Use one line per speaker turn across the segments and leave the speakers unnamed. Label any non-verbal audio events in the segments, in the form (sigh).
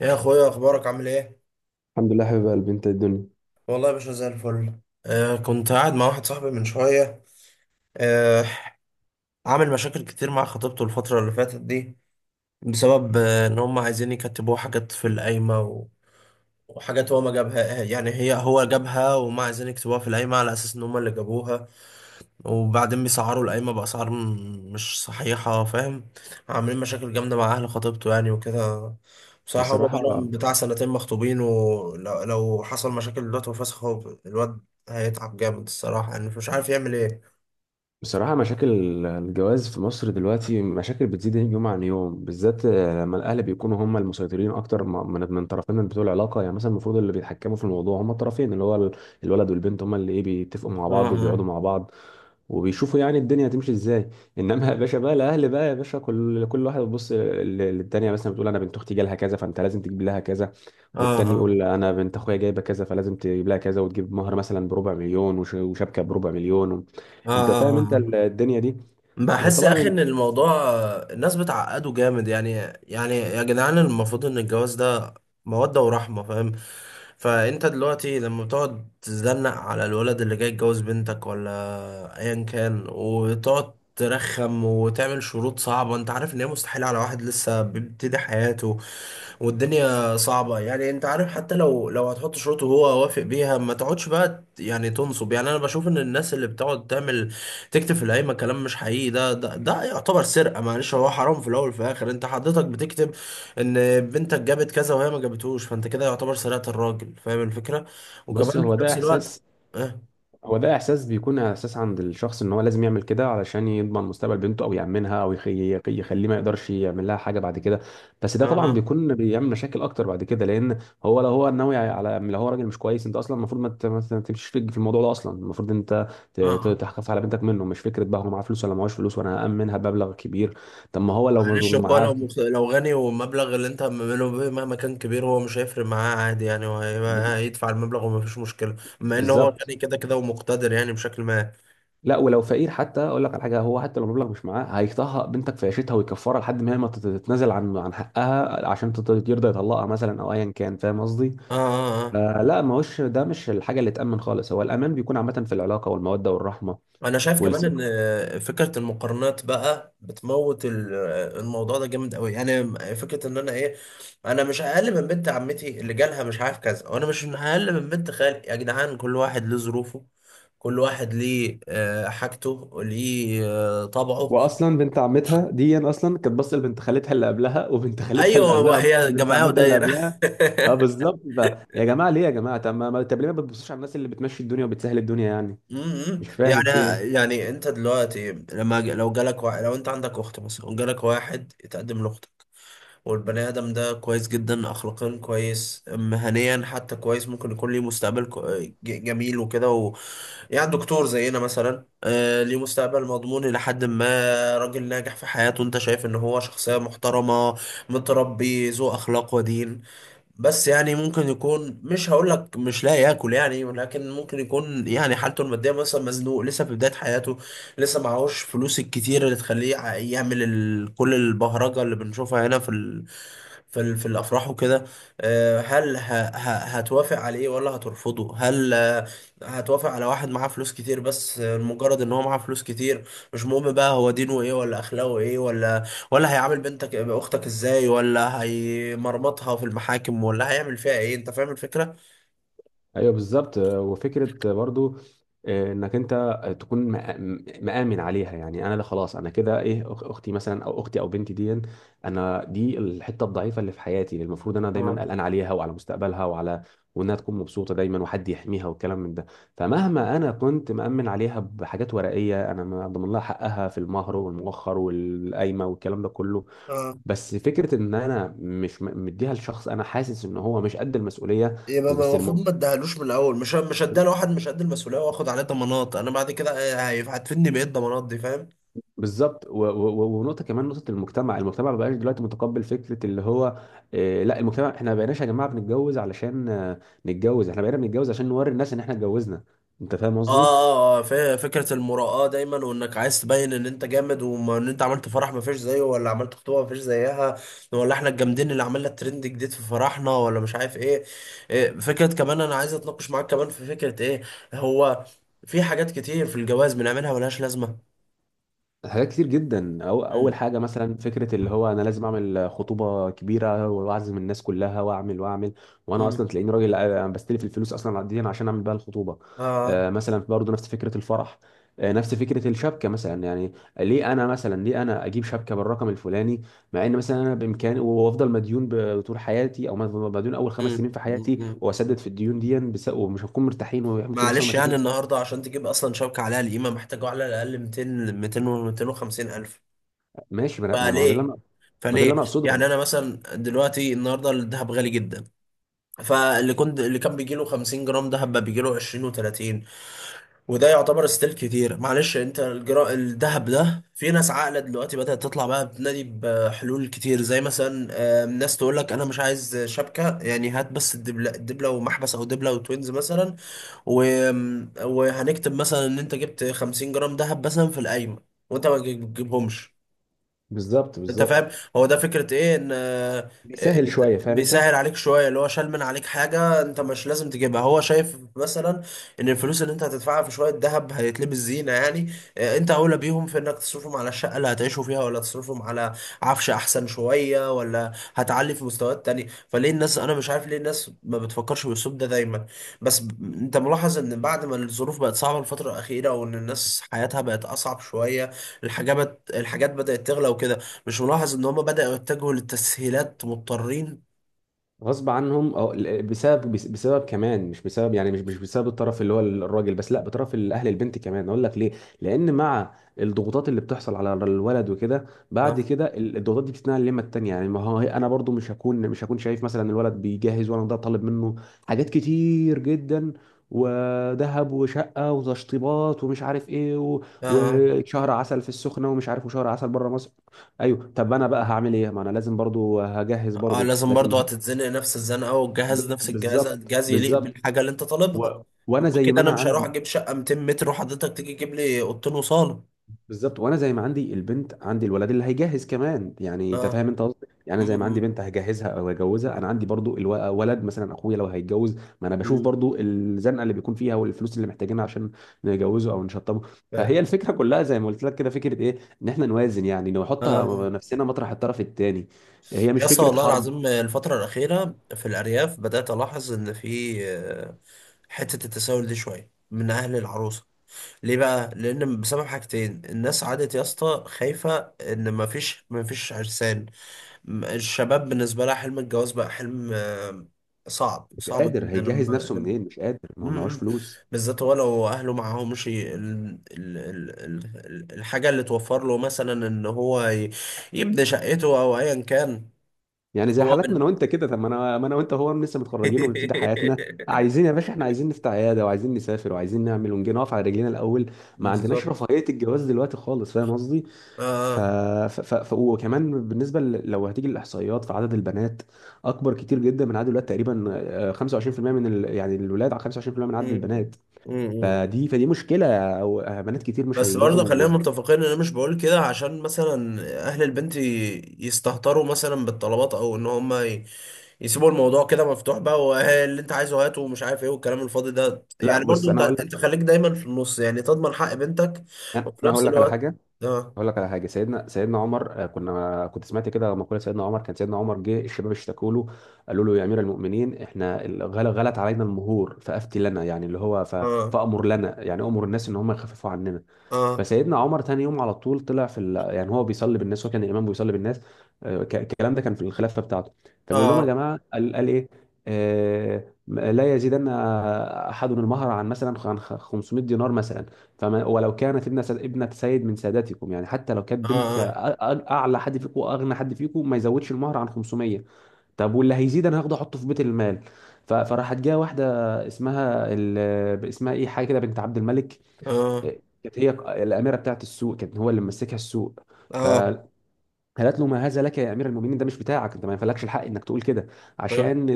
يا اخويا، اخبارك عامل ايه؟
الحمد لله، حبيب قلبي، انت الدنيا.
والله يا باشا زي الفل. كنت قاعد مع واحد صاحبي من شويه. آه. عامل مشاكل كتير مع خطيبته الفتره اللي فاتت دي بسبب ان هم عايزين يكتبوه حاجات في القايمه وحاجات هو ما جابها، يعني هي هو جابها وما عايزين يكتبوها في القايمه على اساس ان هم اللي جابوها، وبعدين بيسعروا القايمة بأسعار مش صحيحة، فاهم؟ عاملين مشاكل جامدة مع أهل خطيبته يعني وكده. بصراحة هما
بصراحة
بقالهم بتاع سنتين مخطوبين، ولو حصل مشاكل دلوقتي وفسخ، هو الواد هيتعب جامد الصراحة، يعني مش عارف يعمل ايه.
بصراحة، مشاكل الجواز في مصر دلوقتي مشاكل بتزيد يوم عن يوم، بالذات لما الأهل بيكونوا هم المسيطرين أكتر من طرفين بتوع العلاقة. يعني مثلا المفروض اللي بيتحكموا في الموضوع هم الطرفين، اللي هو الولد والبنت. هم اللي إيه بيتفقوا مع بعض وبيقعدوا
اه،
مع بعض وبيشوفوا يعني الدنيا هتمشي ازاي. (laughs) انما يا باشا بقى الاهل، بقى يا باشا كل واحد بيبص للتانيه. مثلا بتقول: انا بنت اختي جالها كذا، فانت لازم تجيب لها كذا.
اه، اه.
والتاني
اه،
يقول: انا بنت اخويا جايبه كذا، فلازم تجيب لها كذا وتجيب مهر مثلا بربع مليون وشبكه بربع مليون
اه،
انت فاهم انت
اه. آه.
الدنيا دي.
بحس يا اخي
وطبعا.
ان الموضوع، الناس بتعقده جامد يعني. يعني يا جدعان، المفروض ان الجواز ده مودة ورحمة، فاهم؟ فانت دلوقتي لما بتقعد تزنق على الولد اللي جاي يتجوز بنتك، ولا ايا كان، وتقعد ترخم وتعمل شروط صعبة انت عارف ان هي مستحيلة على واحد لسه بيبتدي حياته والدنيا صعبة، يعني انت عارف حتى لو هتحط شروط وهو وافق بيها، ما تقعدش بقى يعني تنصب. يعني انا بشوف ان الناس اللي بتقعد تعمل تكتب في القايمة كلام مش حقيقي، ده يعتبر سرقة. معلش، هو حرام في الاول وفي الاخر. انت حضرتك بتكتب ان بنتك جابت كذا وهي ما جابتهوش، فانت كده يعتبر سرقت الراجل، فاهم الفكرة؟
بص،
وكمان
هو
في
ده
نفس الوقت.
احساس،
اه،
هو ده احساس، بيكون احساس عند الشخص ان هو لازم يعمل كده علشان يضمن مستقبل بنته او يامنها او يخليه ما يقدرش يعمل لها حاجه بعد كده. بس ده طبعا
اه،
بيكون بيعمل مشاكل اكتر بعد كده، لان هو لو هو ناوي على، لو هو راجل مش كويس، انت اصلا المفروض ما تمشيش في الموضوع ده اصلا. المفروض انت
اه.
تحافظ على بنتك منه، مش فكره بقى هو معاه فلوس ولا معهوش فلوس وانا هامنها بمبلغ كبير. طب ما هو
معلش،
لو
هو لو
معاه.
لو غني والمبلغ اللي انت عامله به مهما كان كبير هو مش هيفرق معاه، عادي يعني، هو
ب-
هيدفع المبلغ ومفيش مشكلة، بما ان هو
بالظبط.
غني كده كده ومقتدر، يعني بشكل ما.
لا، ولو فقير حتى اقول لك على حاجه. هو حتى لو المبلغ مش معاه هيطهق بنتك في عيشتها ويكفرها لحد ما هي ما تت- تتنازل عن حقها عشان يرضى يطلقها مثلا او ايا كان. فاهم قصدي؟
اه، اه، اه.
فلا، ما هوش ده، مش الحاجه اللي تامن خالص. هو الامان بيكون عامه في العلاقه والموده والرحمه
انا شايف كمان
والثقه.
ان فكرة المقارنات بقى بتموت الموضوع ده جامد قوي يعني. فكرة ان انا ايه، انا مش اقل من بنت عمتي اللي جالها مش عارف كذا، وانا مش اقل من بنت خالي. يا جدعان، كل واحد له ظروفه، كل واحد ليه حاجته، ليه طبعه.
واصلا بنت عمتها دي اصلا كانت باصه لبنت خالتها اللي قبلها، وبنت خالتها اللي
ايوه،
قبلها وبنت
وهي
لبنت
جمعيه
عمتها اللي
ودايره.
قبلها. اه،
(laughs)
بالظبط. يا جماعه ليه؟ يا جماعه، طب ليه ما بتبصوش على الناس اللي بتمشي الدنيا وبتسهل الدنيا يعني؟ مش فاهم
يعني،
فين.
يعني انت دلوقتي لما لو جالك واحد، لو انت عندك اخت مثلا وجالك واحد يتقدم لاختك، والبني ادم ده كويس جدا اخلاقيا، كويس مهنيا حتى، كويس، ممكن يكون ليه مستقبل جميل وكده و... يعني دكتور زينا مثلا، ليه مستقبل مضمون الى حد ما، راجل ناجح في حياته، انت شايف ان هو شخصيه محترمه، متربي، ذو اخلاق ودين. بس يعني ممكن يكون، مش هقول لك مش لا ياكل يعني، ولكن ممكن يكون يعني حالته الماديه مثلا مزنوق، لسه في بدايه حياته، لسه معهوش فلوس الكتير اللي تخليه يعمل كل البهرجه اللي بنشوفها هنا في في الافراح وكده. آه، هل ه... هتوافق عليه ولا هترفضه؟ هل هتوافق على واحد معاه فلوس كتير بس؟ مجرد ان هو معاه فلوس كتير، مش مهم بقى هو دينه ايه ولا اخلاقه ايه، ولا ولا هيعامل بنتك اختك ازاي، ولا هيمرمطها في المحاكم ولا هيعمل فيها ايه، انت فاهم الفكره؟
ايوه، بالظبط. وفكره برضو، انك انت تكون مآمن عليها. يعني انا ده خلاص انا كده ايه اختي مثلا، او اختي او بنتي دي، انا دي الحته الضعيفه اللي في حياتي، اللي المفروض انا دايما
اه،
قلقان عليها وعلى مستقبلها وعلى وانها تكون مبسوطه دايما وحد يحميها والكلام من ده. فمهما انا كنت مأمن عليها بحاجات ورقيه، انا ما ضمن لها حقها في المهر والمؤخر والقايمه والكلام ده كله.
اه.
بس فكره ان انا مش مديها لشخص انا حاسس ان هو مش قد المسؤوليه.
يبقى
بس
المفروض
المؤمن
ما اديهالوش من الاول، مش اديها لواحد مش قد المسؤوليه، واخد عليه ضمانات انا بعد كده، هتفيدني بايه الضمانات دي، فاهم؟
بالظبط ونقطه كمان، نقطه المجتمع ما بقاش دلوقتي متقبل فكره اللي هو، لا. المجتمع احنا ما بقيناش يا جماعه بنتجوز علشان نتجوز، احنا بقينا بنتجوز عشان نوري الناس ان احنا اتجوزنا. انت فاهم قصدي.
اه، اه. فكرة المراآة دايما، وانك عايز تبين ان انت جامد، وان انت عملت فرح ما فيش زيه، ولا عملت خطوبة ما فيش زيها، ولا احنا الجامدين اللي عملنا الترند جديد في فرحنا، ولا مش عارف ايه. فكرة كمان انا عايز اتناقش معاك كمان في فكرة ايه. هو في حاجات كتير في الجواز بنعملها ملهاش لازمة.
حاجات كتير جدا. أو اول
مم.
حاجه مثلا فكره اللي هو انا لازم اعمل خطوبه كبيره واعزم الناس كلها واعمل واعمل، وانا
مم.
اصلا تلاقيني راجل بستلف الفلوس اصلا دي عشان اعمل بيها الخطوبه.
اه.
مثلا برضه نفس فكره الفرح، نفس فكره الشبكه مثلا. يعني ليه انا مثلا، ليه انا اجيب شبكه بالرقم الفلاني، مع ان مثلا انا بامكاني وافضل مديون طول حياتي، او مديون اول خمس
مم.
سنين في
مم.
حياتي
مم.
واسدد
مم.
في الديون دي، ومش هنكون مرتاحين وممكن يحصل
معلش
مشاكل
يعني النهارده عشان تجيب اصلا شبكة عليها القيمة محتاجة على الاقل 200، و 250 الف.
ماشي. ما هو ده اللي انا،
فليه،
ما ده اللي انا اقصده.
يعني انا مثلا دلوقتي النهارده الذهب غالي جدا، فاللي كنت اللي كان بيجي له 50 جرام ذهب بقى بيجي له 20 و30، وده يعتبر ستيل كتير. معلش انت الذهب ده في ناس عاقله دلوقتي بدات تطلع بقى بتنادي بحلول كتير، زي مثلا، ناس تقول لك انا مش عايز شبكه، يعني هات بس الدبله، الدبله ومحبس، او دبله وتوينز مثلا و... وهنكتب مثلا ان انت جبت 50 جرام ذهب مثلا في القايمه وانت ما تجيبهمش،
بالظبط،
انت
بالظبط.
فاهم. هو ده فكرة ايه ان
بيسهل شويه، فاهم انت؟
بيسهل عليك شوية، اللي هو شال من عليك حاجة انت مش لازم تجيبها. هو شايف مثلا ان الفلوس اللي انت هتدفعها في شوية ذهب هيتلبس زينة، يعني انت اولى بيهم في انك تصرفهم على الشقة اللي هتعيشوا فيها، ولا تصرفهم على عفش احسن شوية، ولا هتعلي في مستويات تانية. فليه الناس، انا مش عارف ليه الناس ما بتفكرش بالاسلوب ده دايما؟ بس انت ملاحظ ان بعد ما الظروف بقت صعبة الفترة الأخيرة، وان الناس حياتها بقت اصعب شوية، الحاجات بدأت تغلى وكده، مش ملاحظ ان هما بدأوا يتجهوا للتسهيلات مضطرين؟
غصب عنهم، او بسبب كمان. مش بسبب يعني، مش بسبب الطرف اللي هو الراجل بس، لا، بطرف الاهل البنت كمان. اقول لك ليه. لان مع الضغوطات اللي بتحصل على الولد وكده، بعد
اه،
كده الضغوطات دي بتتنقل لما التانية. يعني ما هو انا برضو مش هكون شايف مثلا الولد بيجهز وانا ده طالب منه حاجات كتير جدا، وذهب وشقه وتشطيبات ومش عارف ايه، و-
اه،
وشهر عسل في السخنه ومش عارف وشهر عسل بره مصر. ايوه، طب انا بقى هعمل ايه؟ ما انا لازم برضو هجهز
اه.
برضو
لازم
لازم.
برضه هتتزنق نفس الزنقة، والجهاز نفس الجهاز،
بالظبط،
الجهاز يليق
بالظبط.
بالحاجة اللي انت طالبها. ما
وانا
هو
زي ما
كده انا
انا
مش هروح
عندي
اجيب شقة 200 متر وحضرتك تيجي تجيب لي اوضتين وصالة.
بالظبط. وانا زي ما عندي البنت عندي الولد اللي هيجهز كمان. يعني انت
اه.
فاهم انت قصدي. يعني أنا زي ما عندي
امم.
بنت هجهزها او هجوزها، انا عندي برضو ولد. مثلا اخويا لو هيتجوز، ما انا بشوف
امم.
برضو الزنقه اللي بيكون فيها والفلوس اللي محتاجينها عشان نجوزه او نشطبه. فهي الفكره كلها زي ما قلت لك كده، فكره ايه ان احنا نوازن، يعني نحط
اه.
نفسنا مطرح الطرف الثاني. هي مش
يا اسطى
فكره
والله
حرب.
العظيم، الفترة الأخيرة في الأرياف بدأت ألاحظ إن في حتة التساؤل دي شوية من أهل العروسة. ليه بقى؟ لأن بسبب حاجتين، الناس عادت يا اسطى خايفة إن مفيش عرسان، الشباب بالنسبة لها حلم الجواز بقى حلم، صعب،
مش قادر
جدا
هيجهز
لما
نفسه منين، مش قادر، ما هو
م-
معهوش
م.
فلوس.
بالذات هو لو أهله معاهمش الحاجة اللي توفر له، مثلا إن هو يبني شقته أو أيا كان.
يعني زي
هو
حالاتنا انا
بن...
وانت كده. طب ما انا، ما انا وانت هو لسه متخرجين وبنبتدي حياتنا،
(laughs)
عايزين يا باشا، احنا عايزين نفتح عياده وعايزين نسافر وعايزين نعمل ونجي نقف على رجلينا الاول. ما عندناش
بالظبط.
رفاهيه الجواز دلوقتي خالص. فاهم قصدي؟
آه.
وكمان بالنسبه لو هتيجي الاحصائيات، فعدد البنات اكبر كتير جدا من عدد الولاد تقريبا. 25% من يعني الولاد على 25% من
آه.
عدد
م-
البنات.
م- م.
فدي مشكله. او بنات كتير مش
بس برضه خلينا
هيلاقوا.
متفقين ان انا مش بقول كده عشان مثلا اهل البنت يستهتروا مثلا بالطلبات، او ان هم يسيبوا الموضوع كده مفتوح بقى، واللي انت عايزه هاته ومش عارف ايه والكلام الفاضي ده.
لا،
يعني
بص،
برضه
انا
انت
هقول لك
خليك دايما في النص يعني، تضمن حق بنتك وفي
انا
نفس
هقول لك على
الوقت.
حاجه،
اه،
اقول لك على حاجه. سيدنا عمر، كنت سمعت كده مقوله سيدنا عمر. كان سيدنا عمر جه الشباب اشتكوا له، قالوا له: يا امير المؤمنين احنا غلت علينا المهور، فافتي لنا. يعني اللي هو
اه،
فامر لنا، يعني امر الناس ان هم يخففوا عننا.
اه،
فسيدنا عمر تاني يوم على طول طلع في يعني هو بيصلي بالناس، وكان الامام بيصلي بالناس. الكلام ده كان في الخلافه بتاعته. فبيقول لهم: يا
اه،
جماعه. قال ايه؟ لا يزيدن احد المهر عن مثلا عن 500 دينار مثلا. فما ولو كانت ابنه سيد من ساداتكم، يعني حتى لو كانت بنت
اه،
اعلى حد فيكم واغنى حد فيكم، ما يزودش المهر عن 500. طب واللي هيزيد انا هاخده احطه في بيت المال. فراحت جايه واحده اسمها اسمها ايه، حاجه كده، بنت عبد الملك.
اه،
كانت هي الاميره بتاعت السوق، كانت هو اللي ممسكها السوق.
اه،
فقالت له: ما هذا لك يا امير المؤمنين؟ ده مش بتاعك، انت ما ينفعلكش الحق انك تقول كده،
اه.
عشان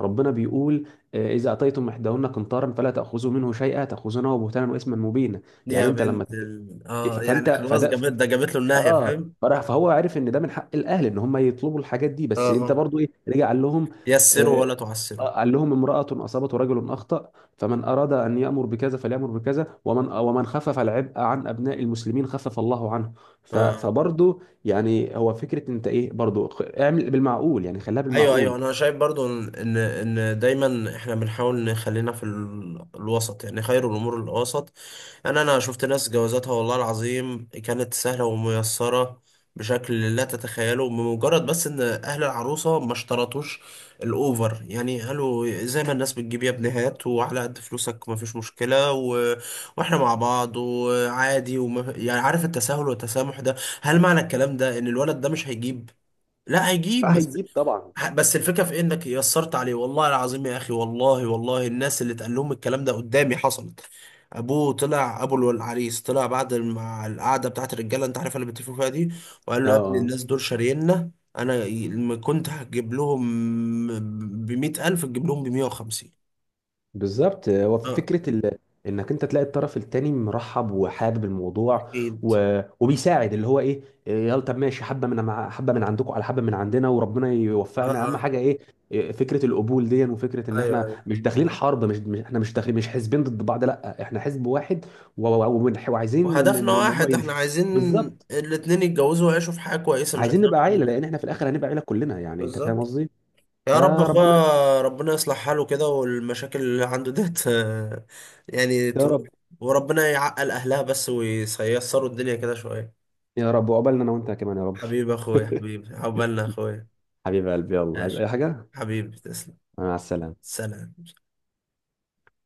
ربنا بيقول: اذا اتيتم احداهن قنطارا فلا تاخذوا منه شيئا، تاخذونه بهتانا واثما مبينا. يعني
يا
انت لما
بنت
ف-
اه، يعني
فانت
خلاص
فده
جابت ده جابت له النهاية،
اه.
فاهم؟
فراح فهو عرف ان ده من حق الاهل ان هم يطلبوا الحاجات دي.
اه.
بس انت
آه.
برضو ايه، رجع قال لهم،
يسره
آه
ولا تعسره.
قال لهم: امرأة أصابت ورجل أخطأ، فمن أراد أن يأمر بكذا فليأمر بكذا، ومن خفف العبء عن أبناء المسلمين خفف الله عنه.
اه.
فبرضو يعني هو فكرة أنت إيه، برضو اعمل بالمعقول، يعني خليها
ايوه، ايوه،
بالمعقول.
انا شايف برضو ان إن دايما احنا بنحاول نخلينا في الوسط، يعني خير الامور الوسط. انا شفت ناس جوازاتها والله العظيم كانت سهله وميسره بشكل لا تتخيله، بمجرد بس ان اهل العروسه ما اشترطوش الاوفر، يعني قالوا زي ما الناس بتجيب يا ابني هات، وعلى قد فلوسك ما فيش مشكله و... واحنا مع بعض وعادي يعني عارف التساهل والتسامح ده. هل معنى الكلام ده ان الولد ده مش هيجيب؟ لا،
آه،
هيجيب،
هيجيب طبعا.
بس الفكره في إيه؟ انك يسرت عليه. والله العظيم يا اخي، والله والله الناس اللي اتقال لهم الكلام ده قدامي حصلت. ابوه طلع، ابو العريس طلع بعد مع القعده بتاعت الرجاله انت عارف اللي بيتفقوا فيها دي، وقال له يا ابني
اه،
الناس دول شاريننا، انا لما كنت هجيب لهم ب 100,000 تجيب لهم ب 150.
بالظبط. هو
اه.
فكرة انك انت تلاقي الطرف التاني مرحب وحابب الموضوع،
اكيد.
وبيساعد اللي هو ايه. يلا، طب ماشي، حبة من حبة من عندكم على حبة من عندنا، وربنا
اه،
يوفقنا. اهم
اه.
حاجة ايه؟ فكرة القبول دي، وفكرة ان
ايوه، ايوه،
احنا مش داخلين حرب. مش احنا مش داخلين، مش حزبين ضد بعض، لا احنا حزب واحد وعايزين ان
وهدفنا
إن الموضوع
واحد، احنا
يمشي.
عايزين
بالظبط.
الاتنين يتجوزوا ويعيشوا في حياه كويسه، مش
عايزين
عايزين
نبقى
اكتر من
عيلة، لان
كده.
احنا في الاخر هنبقى عيلة كلنا. يعني انت
بالظبط.
فاهم قصدي؟
يا رب
فربنا.
اخويا ربنا يصلح حاله كده، والمشاكل اللي عنده ديت يعني
يا
تروح،
رب.
وربنا يعقل اهلها بس وييسروا الدنيا كده شوية.
يا رب وقبلنا انا وانت كمان يا رب.
حبيبي اخويا، حبيبي، عقبالنا اخويا.
حبيب قلبي، يلا، عايز
ماشي.
اي حاجة؟
حبيبي تسلم.
مع السلامة.
سلام.